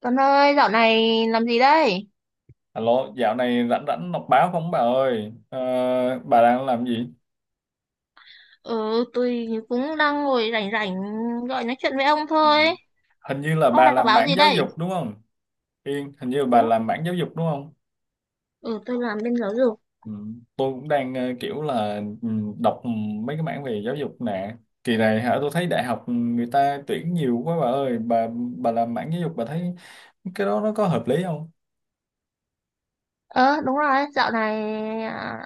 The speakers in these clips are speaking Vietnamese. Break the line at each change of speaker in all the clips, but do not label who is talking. Tuấn ơi, dạo này làm gì đây?
Alo, dạo này rảnh rảnh đọc báo không bà ơi? Ờ, bà đang làm gì?
Ừ, tôi cũng đang ngồi rảnh rảnh gọi nói chuyện với ông
Ừ.
thôi.
Hình như là
Ông
bà
đọc
làm
báo
mảng
gì
giáo
đây?
dục đúng không? Yên, hình như là bà
Đúng.
làm mảng giáo dục đúng không?
Ừ, tôi làm bên giáo dục.
Ừ. Tôi cũng đang kiểu là đọc mấy cái mảng về giáo dục nè. Kỳ này hả, tôi thấy đại học người ta tuyển nhiều quá bà ơi. Bà làm mảng giáo dục bà thấy cái đó nó có hợp lý không?
Ờ, Đúng rồi, dạo này à,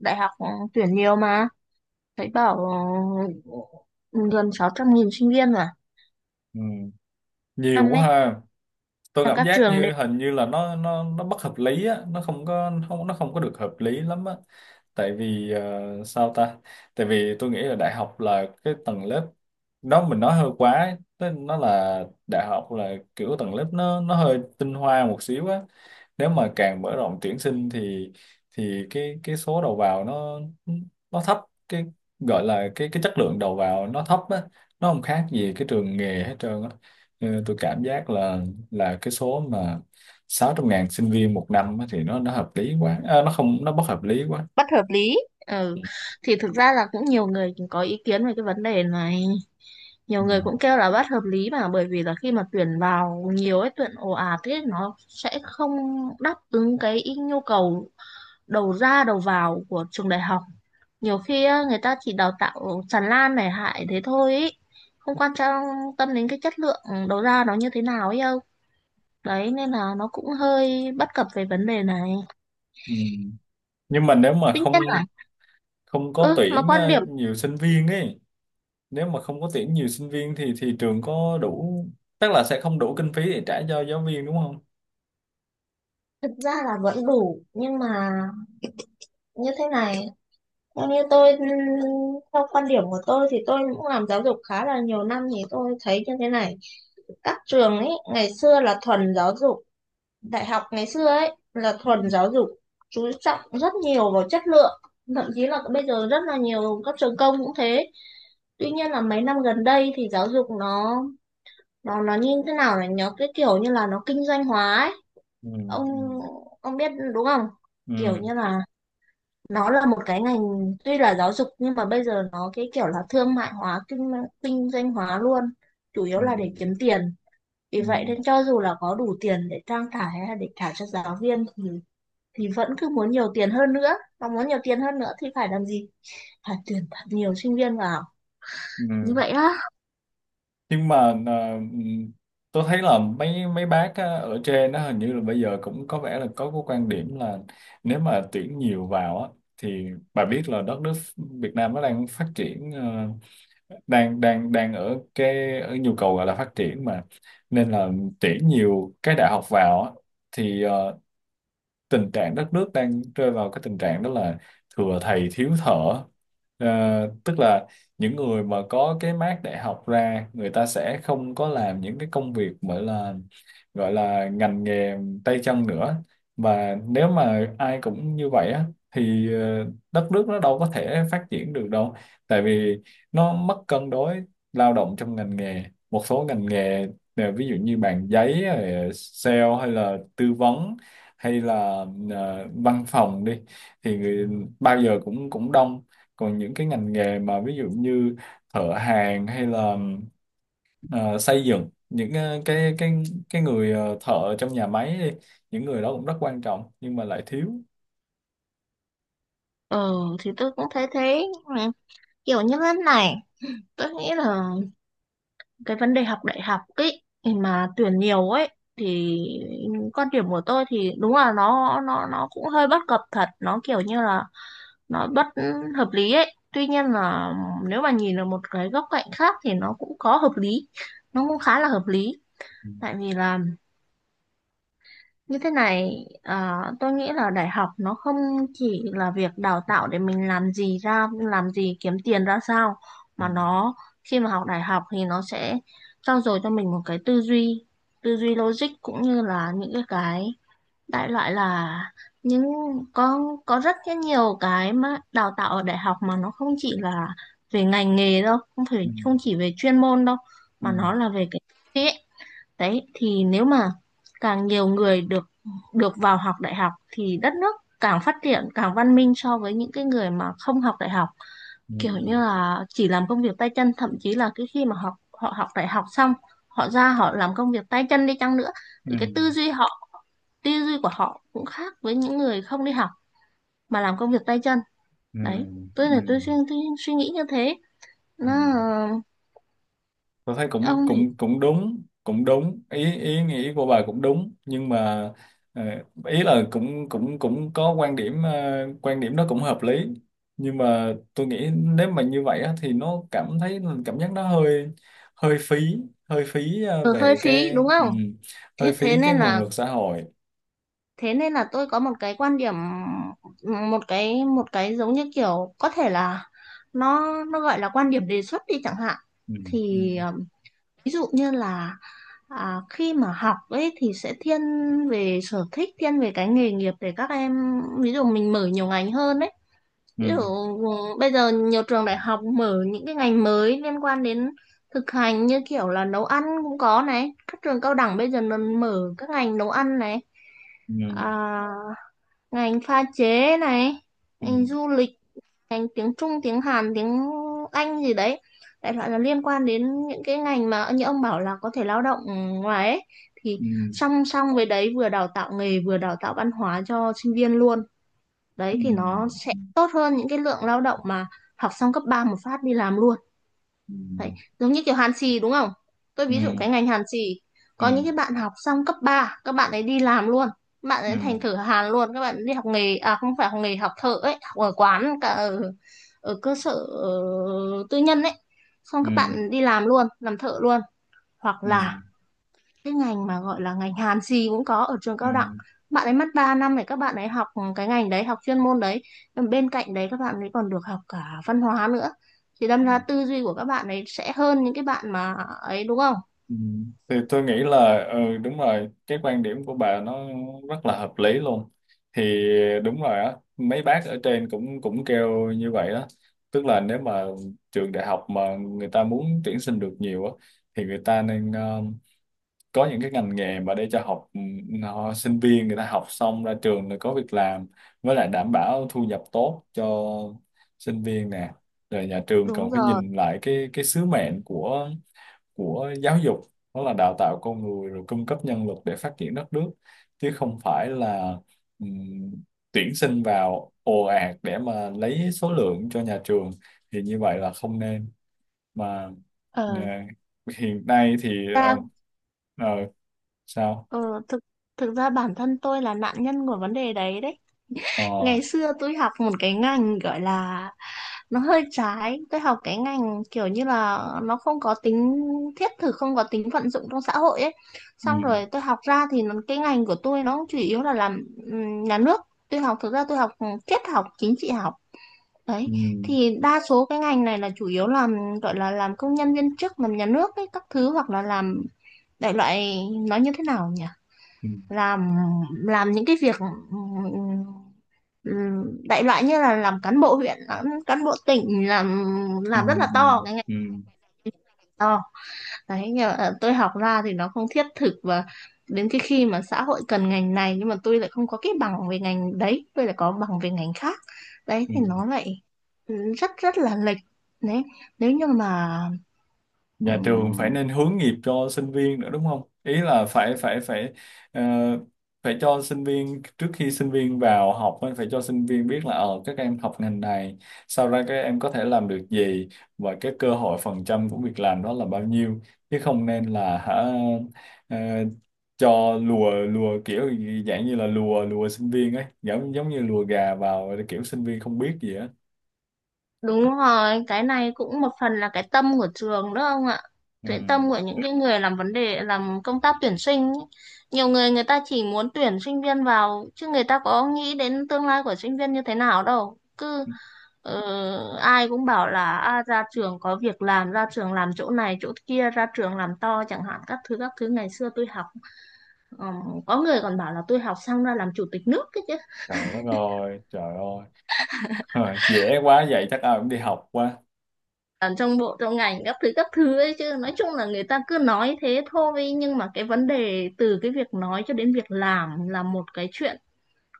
đại học tuyển nhiều mà. Thấy bảo ừ, gần 600.000 sinh viên mà.
Ừ. Nhiều
Năm
quá
ấy,
ha. Tôi
mà
cảm
các
giác
trường
như hình như là nó bất hợp lý á, nó không có không, nó không có được hợp lý lắm á, tại vì ờ, sao ta tại vì tôi nghĩ là đại học là cái tầng lớp, nó mình nói hơi quá ấy. Tức nó là đại học là kiểu tầng lớp nó hơi tinh hoa một xíu á, nếu mà càng mở rộng tuyển sinh thì cái số đầu vào nó thấp, cái gọi là cái chất lượng đầu vào nó thấp á, nó không khác gì cái trường nghề hết trơn á. Ừ, tôi cảm giác là cái số mà 600.000 sinh viên một năm á thì nó hợp lý quá à, nó không, nó bất hợp lý quá.
bất hợp lý. Ừ, thì thực ra là cũng nhiều người cũng có ý kiến về cái vấn đề này, nhiều
Ừ.
người cũng kêu là bất hợp lý, mà bởi vì là khi mà tuyển vào nhiều ấy, tuyển ồ ạt thế, nó sẽ không đáp ứng nhu cầu đầu ra đầu vào của trường đại học. Nhiều khi á, người ta chỉ đào tạo tràn lan này hại thế thôi ý. Không quan trọng tâm đến cái chất lượng đầu ra nó như thế nào ấy đâu, đấy nên là nó cũng hơi bất cập về vấn đề này.
Ừ. Nhưng mà nếu mà
Tuy nhiên
không,
là,
không có
ừ, mà
tuyển
quan điểm,
nhiều sinh viên ấy, nếu mà không có tuyển nhiều sinh viên thì trường có đủ, tức là sẽ không đủ kinh phí để trả cho giáo viên đúng không.
thực ra là vẫn đủ nhưng mà như thế này, theo như tôi, theo quan điểm của tôi thì tôi cũng làm giáo dục khá là nhiều năm, thì tôi thấy như thế này. Các trường ấy ngày xưa là thuần giáo dục, đại học ngày xưa ấy là thuần giáo dục, chú trọng rất nhiều vào chất lượng, thậm chí là bây giờ rất là nhiều các trường công cũng thế. Tuy nhiên là mấy năm gần đây thì giáo dục nó như thế nào này, nó cái kiểu như là nó kinh doanh hóa ấy,
Ừ.
ông ông biết đúng không? Kiểu
Ừ.
như là nó là một cái ngành, tuy là giáo dục nhưng mà bây giờ nó cái kiểu là thương mại hóa, kinh kinh doanh hóa luôn, chủ
Ừ.
yếu là để
Ừ.
kiếm tiền. Vì
Ừ.
vậy nên cho dù là có đủ tiền để trang trải hay là để trả cho giáo viên thì vẫn cứ muốn nhiều tiền hơn nữa, và muốn nhiều tiền hơn nữa thì phải làm gì? Phải tuyển thật nhiều sinh viên vào như
Ừ.
vậy á.
Nhưng mà à, tôi thấy là mấy mấy bác á, ở trên nó hình như là bây giờ cũng có vẻ là có cái quan điểm là nếu mà tuyển nhiều vào á thì bà biết là đất nước Việt Nam nó đang phát triển, ờ, đang đang đang ở cái ở nhu cầu gọi là phát triển mà, nên là tuyển nhiều cái đại học vào á thì tình trạng đất nước đang rơi vào cái tình trạng đó là thừa thầy thiếu thợ. Ờ, Tức là những người mà có cái mác đại học ra người ta sẽ không có làm những cái công việc gọi là, gọi là ngành nghề tay chân nữa, và nếu mà ai cũng như vậy á thì đất nước nó đâu có thể phát triển được đâu, tại vì nó mất cân đối lao động trong ngành nghề. Một số ngành nghề, ví dụ như bàn giấy rồi sale hay là tư vấn, hay là văn phòng đi, thì người bao giờ cũng cũng đông, còn những cái ngành nghề mà ví dụ như thợ hàn hay là ờ, xây dựng, những cái người, thợ trong nhà máy đi, những người đó cũng rất quan trọng nhưng mà lại thiếu.
ờ thì tôi cũng thấy thế. Ừ, Kiểu như thế này, tôi nghĩ là cái vấn đề học đại học ấy, mà tuyển nhiều ấy, thì quan điểm của tôi thì đúng là nó cũng hơi bất cập thật, nó kiểu như là nó bất hợp lý ấy. Tuy nhiên là nếu mà nhìn ở một cái góc cạnh khác thì nó cũng có hợp lý, nó cũng khá là hợp lý.
Ừ,
Tại vì là như thế này, tôi nghĩ là đại học nó không chỉ là việc đào tạo để mình làm gì ra, làm gì kiếm tiền ra sao,
ừ,
mà nó, khi mà học đại học thì nó sẽ trau dồi cho mình một cái tư duy logic, cũng như là những cái đại loại là những, có có rất cái nhiều cái mà đào tạo ở đại học mà nó không chỉ là về ngành nghề đâu, không phải không chỉ về chuyên môn đâu,
ừ,
mà nó là về cái. Đấy, thì nếu mà càng nhiều người được được vào học đại học thì đất nước càng phát triển, càng văn minh so với những cái người mà không học đại học,
ừ,
kiểu như là chỉ làm công việc tay chân. Thậm chí là cái khi mà học, họ học đại học xong, họ ra họ làm công việc tay chân đi chăng nữa, thì
ừ,
cái tư duy họ, tư duy của họ cũng khác với những người không đi học mà làm công việc tay chân.
ừ,
Đấy, tôi
ừ,
là tôi suy nghĩ như thế.
ừ.
Nó
Tôi thấy cũng
ông thì
cũng cũng đúng, cũng đúng, ý ý nghĩ của bà cũng đúng nhưng mà ờ, ý là cũng cũng cũng có quan điểm, quan điểm đó cũng hợp lý, nhưng mà tôi nghĩ nếu mà như vậy á, thì nó cảm thấy, cảm giác nó hơi, hơi phí, hơi phí ờ,
hơi
về
phí
cái
đúng
ừ,
không?
hơi
Thế
phí
thế
cái
nên
nguồn
là,
lực xã hội.
thế nên là tôi có một cái quan điểm, một cái giống như kiểu có thể là nó gọi là quan điểm đề xuất đi chẳng hạn.
Ừ, ừ,
Thì ví dụ như là, khi mà học ấy thì sẽ thiên về sở thích, thiên về cái nghề nghiệp để các em, ví dụ mình mở nhiều ngành hơn ấy. Ví dụ
ừ,
bây giờ nhiều trường đại học mở những cái ngành mới liên quan đến thực hành, như kiểu là nấu ăn cũng có này, các trường cao đẳng bây giờ nó mở các ngành nấu ăn này,
ừ,
à, ngành pha chế này,
ừ,
ngành du lịch, ngành tiếng Trung, tiếng Hàn, tiếng Anh gì đấy, đại loại là liên quan đến những cái ngành mà như ông bảo là có thể lao động ngoài ấy. Thì
ừ,
song song với đấy, vừa đào tạo nghề vừa đào tạo văn hóa cho sinh viên luôn, đấy
ừ,
thì nó sẽ tốt hơn những cái lượng lao động mà học xong cấp 3 một phát đi làm luôn. Đấy, giống như kiểu hàn xì đúng không? Tôi ví dụ
ừ,
cái ngành hàn xì,
ừ, ừ,
có những
ừ,
cái bạn học xong cấp 3 các bạn ấy đi làm luôn, các bạn ấy thành
ừ,
thợ hàn luôn. Các bạn đi học nghề, à không phải học nghề, học thợ ấy, học ở quán cả ở, ở cơ sở ờ, tư nhân ấy. Xong các
ừ,
bạn đi làm luôn, làm thợ luôn. Hoặc
ừ.
là
Ừ,
cái ngành mà gọi là ngành hàn gì cũng có ở trường
ừ,
cao đẳng, bạn ấy mất 3 năm để các bạn ấy học, cái ngành đấy học chuyên môn đấy. Còn bên cạnh đấy các bạn ấy còn được học cả văn hóa nữa, thì đâm
ừ.
ra tư duy của các bạn ấy sẽ hơn những cái bạn mà ấy đúng không?
Ừ. Thì tôi nghĩ là ừ đúng rồi, cái quan điểm của bà nó rất là hợp lý luôn, thì đúng rồi á, mấy bác ở trên cũng cũng kêu như vậy đó, tức là nếu mà trường đại học mà người ta muốn tuyển sinh được nhiều á thì người ta nên có những cái ngành nghề mà để cho học, ừ, nó, sinh viên người ta học xong ra trường rồi có việc làm, với lại đảm bảo thu nhập tốt cho sinh viên nè, rồi nhà trường
Đúng
cần phải
rồi.
nhìn lại cái sứ mệnh của giáo dục, đó là đào tạo con người rồi cung cấp nhân lực để phát triển đất nước, chứ không phải là ừm, tuyển sinh vào ồ ạt để mà lấy số lượng cho nhà trường, thì như vậy là không nên mà.
ờ
ờ, hiện nay thì
ta
ờ, ờ, sao
ờ, thực, thực ra bản thân tôi là nạn nhân của vấn đề đấy đấy.
Ờ,
Ngày xưa tôi học một cái ngành gọi là nó hơi trái. Tôi học cái ngành kiểu như là nó không có tính thiết thực, không có tính vận dụng trong xã hội ấy. Xong
ừm,
rồi tôi học ra thì cái ngành của tôi nó chủ yếu là làm nhà nước. Tôi học, thực ra tôi học triết học, chính trị học. Đấy.
ừm,
Thì đa số cái ngành này là chủ yếu làm, gọi là làm công nhân viên chức, làm nhà nước ấy, các thứ, hoặc là làm, đại loại nó như thế nào nhỉ?
ừm,
làm làm những cái việc, ừm, đại loại như là làm cán bộ huyện, làm cán bộ tỉnh, làm rất là to
ừm,
cái ngành
ừm,
to đấy. Nhưng mà tôi học ra thì nó không thiết thực, và đến cái khi mà xã hội cần ngành này nhưng mà tôi lại không có cái bằng về ngành đấy, tôi lại có bằng về ngành khác, đấy thì
ừm.
nó lại, rất rất là lệch. Đấy, nếu như mà,
Nhà trường phải
ừ,
nên hướng nghiệp cho sinh viên nữa đúng không? Ý là phải phải phải ờ, phải cho sinh viên trước khi sinh viên vào học á, phải cho sinh viên biết là ờ các em học ngành này, sau ra các em có thể làm được gì, và cái cơ hội phần trăm của việc làm đó là bao nhiêu, chứ không nên là hả, ờ, cho lùa lùa kiểu gì- dạng như là lùa lùa sinh viên ấy, giống giống như lùa gà vào kiểu sinh viên không biết gì á.
đúng rồi. Cái này cũng một phần là cái tâm của trường đó ông ạ.
Ừ.
Cái tâm của những cái người làm vấn đề làm công tác tuyển sinh ý. Nhiều người người ta chỉ muốn tuyển sinh viên vào chứ người ta có nghĩ đến tương lai của sinh viên như thế nào đâu. Cứ ờ, ai cũng bảo là à, ra trường có việc làm, ra trường làm chỗ này chỗ kia, ra trường làm to chẳng hạn các thứ ngày xưa tôi học. Có người còn bảo là tôi học xong ra làm chủ tịch nước cái chứ.
Trời đất ơi, trời ơi. Ờ, dễ quá vậy chắc ai cũng đi học quá.
Ở trong bộ trong ngành các thứ ấy chứ nói chung là người ta cứ nói thế thôi nhưng mà cái vấn đề từ cái việc nói cho đến việc làm là một cái chuyện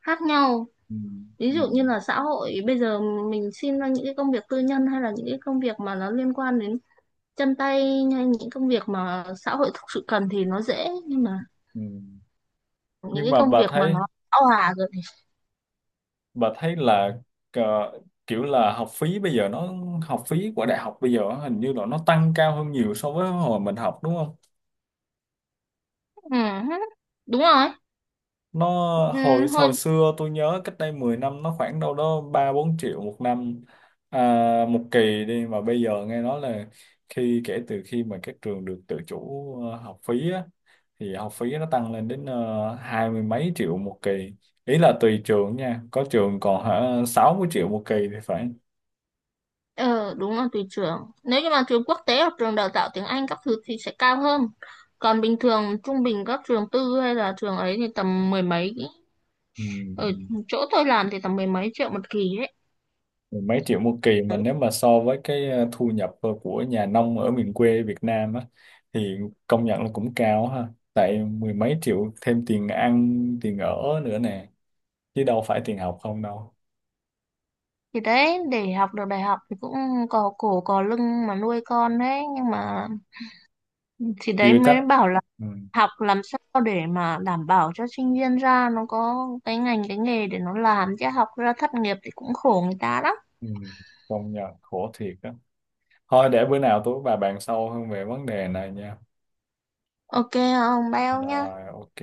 khác nhau
Ừ.
ví
Ừ.
dụ như là xã hội bây giờ mình xin ra những cái công việc tư nhân hay là những cái công việc mà nó liên quan đến chân tay hay những công việc mà xã hội thực sự cần thì nó dễ nhưng mà
Ừ.
những
Nhưng
cái
mà
công
bà
việc mà
thấy,
nó bão hòa rồi thì
bà thấy là ờ, kiểu là học phí bây giờ nó, học phí của đại học bây giờ hình như là nó tăng cao hơn nhiều so với hồi mình học đúng không,
ừ, đúng rồi
nó
ừ,
hồi hồi
thôi.
xưa tôi nhớ cách đây 10 năm nó khoảng đâu đó ba bốn triệu một năm, à, một kỳ đi, mà bây giờ nghe nói là khi, kể từ khi mà các trường được tự chủ học phí á, thì học phí nó tăng lên đến hai mươi mấy triệu một kỳ, ý là tùy trường nha, có trường còn hả 60 triệu một kỳ thì phải.
Ờ, đúng là tùy trường. Nếu như mà trường quốc tế hoặc trường đào tạo tiếng Anh các thứ thì sẽ cao hơn. Còn bình thường trung bình các trường tư hay là trường ấy thì tầm mười mấy.
Ừ.
Ở chỗ tôi làm thì tầm mười mấy triệu một kỳ ấy.
Mười mấy triệu một kỳ mà nếu mà so với cái thu nhập của nhà nông ở miền quê Việt Nam á thì công nhận là cũng cao ha, tại mười mấy triệu thêm tiền ăn, tiền ở nữa nè, chứ đâu phải tiền học không đâu.
Thì đấy, để học được đại học thì cũng cò cổ cò lưng mà nuôi con đấy. Nhưng mà thì đấy
Chưa chắc.
mới bảo là
Ừ.
học làm sao để mà đảm bảo cho sinh viên ra nó có cái ngành cái nghề để nó làm, chứ học ra thất nghiệp thì cũng khổ người ta lắm.
Ừ. Công nhận khổ thiệt á, thôi để bữa nào tôi với bà bàn sâu hơn về vấn đề này nha,
Ok không? Bao nhá.
rồi ok.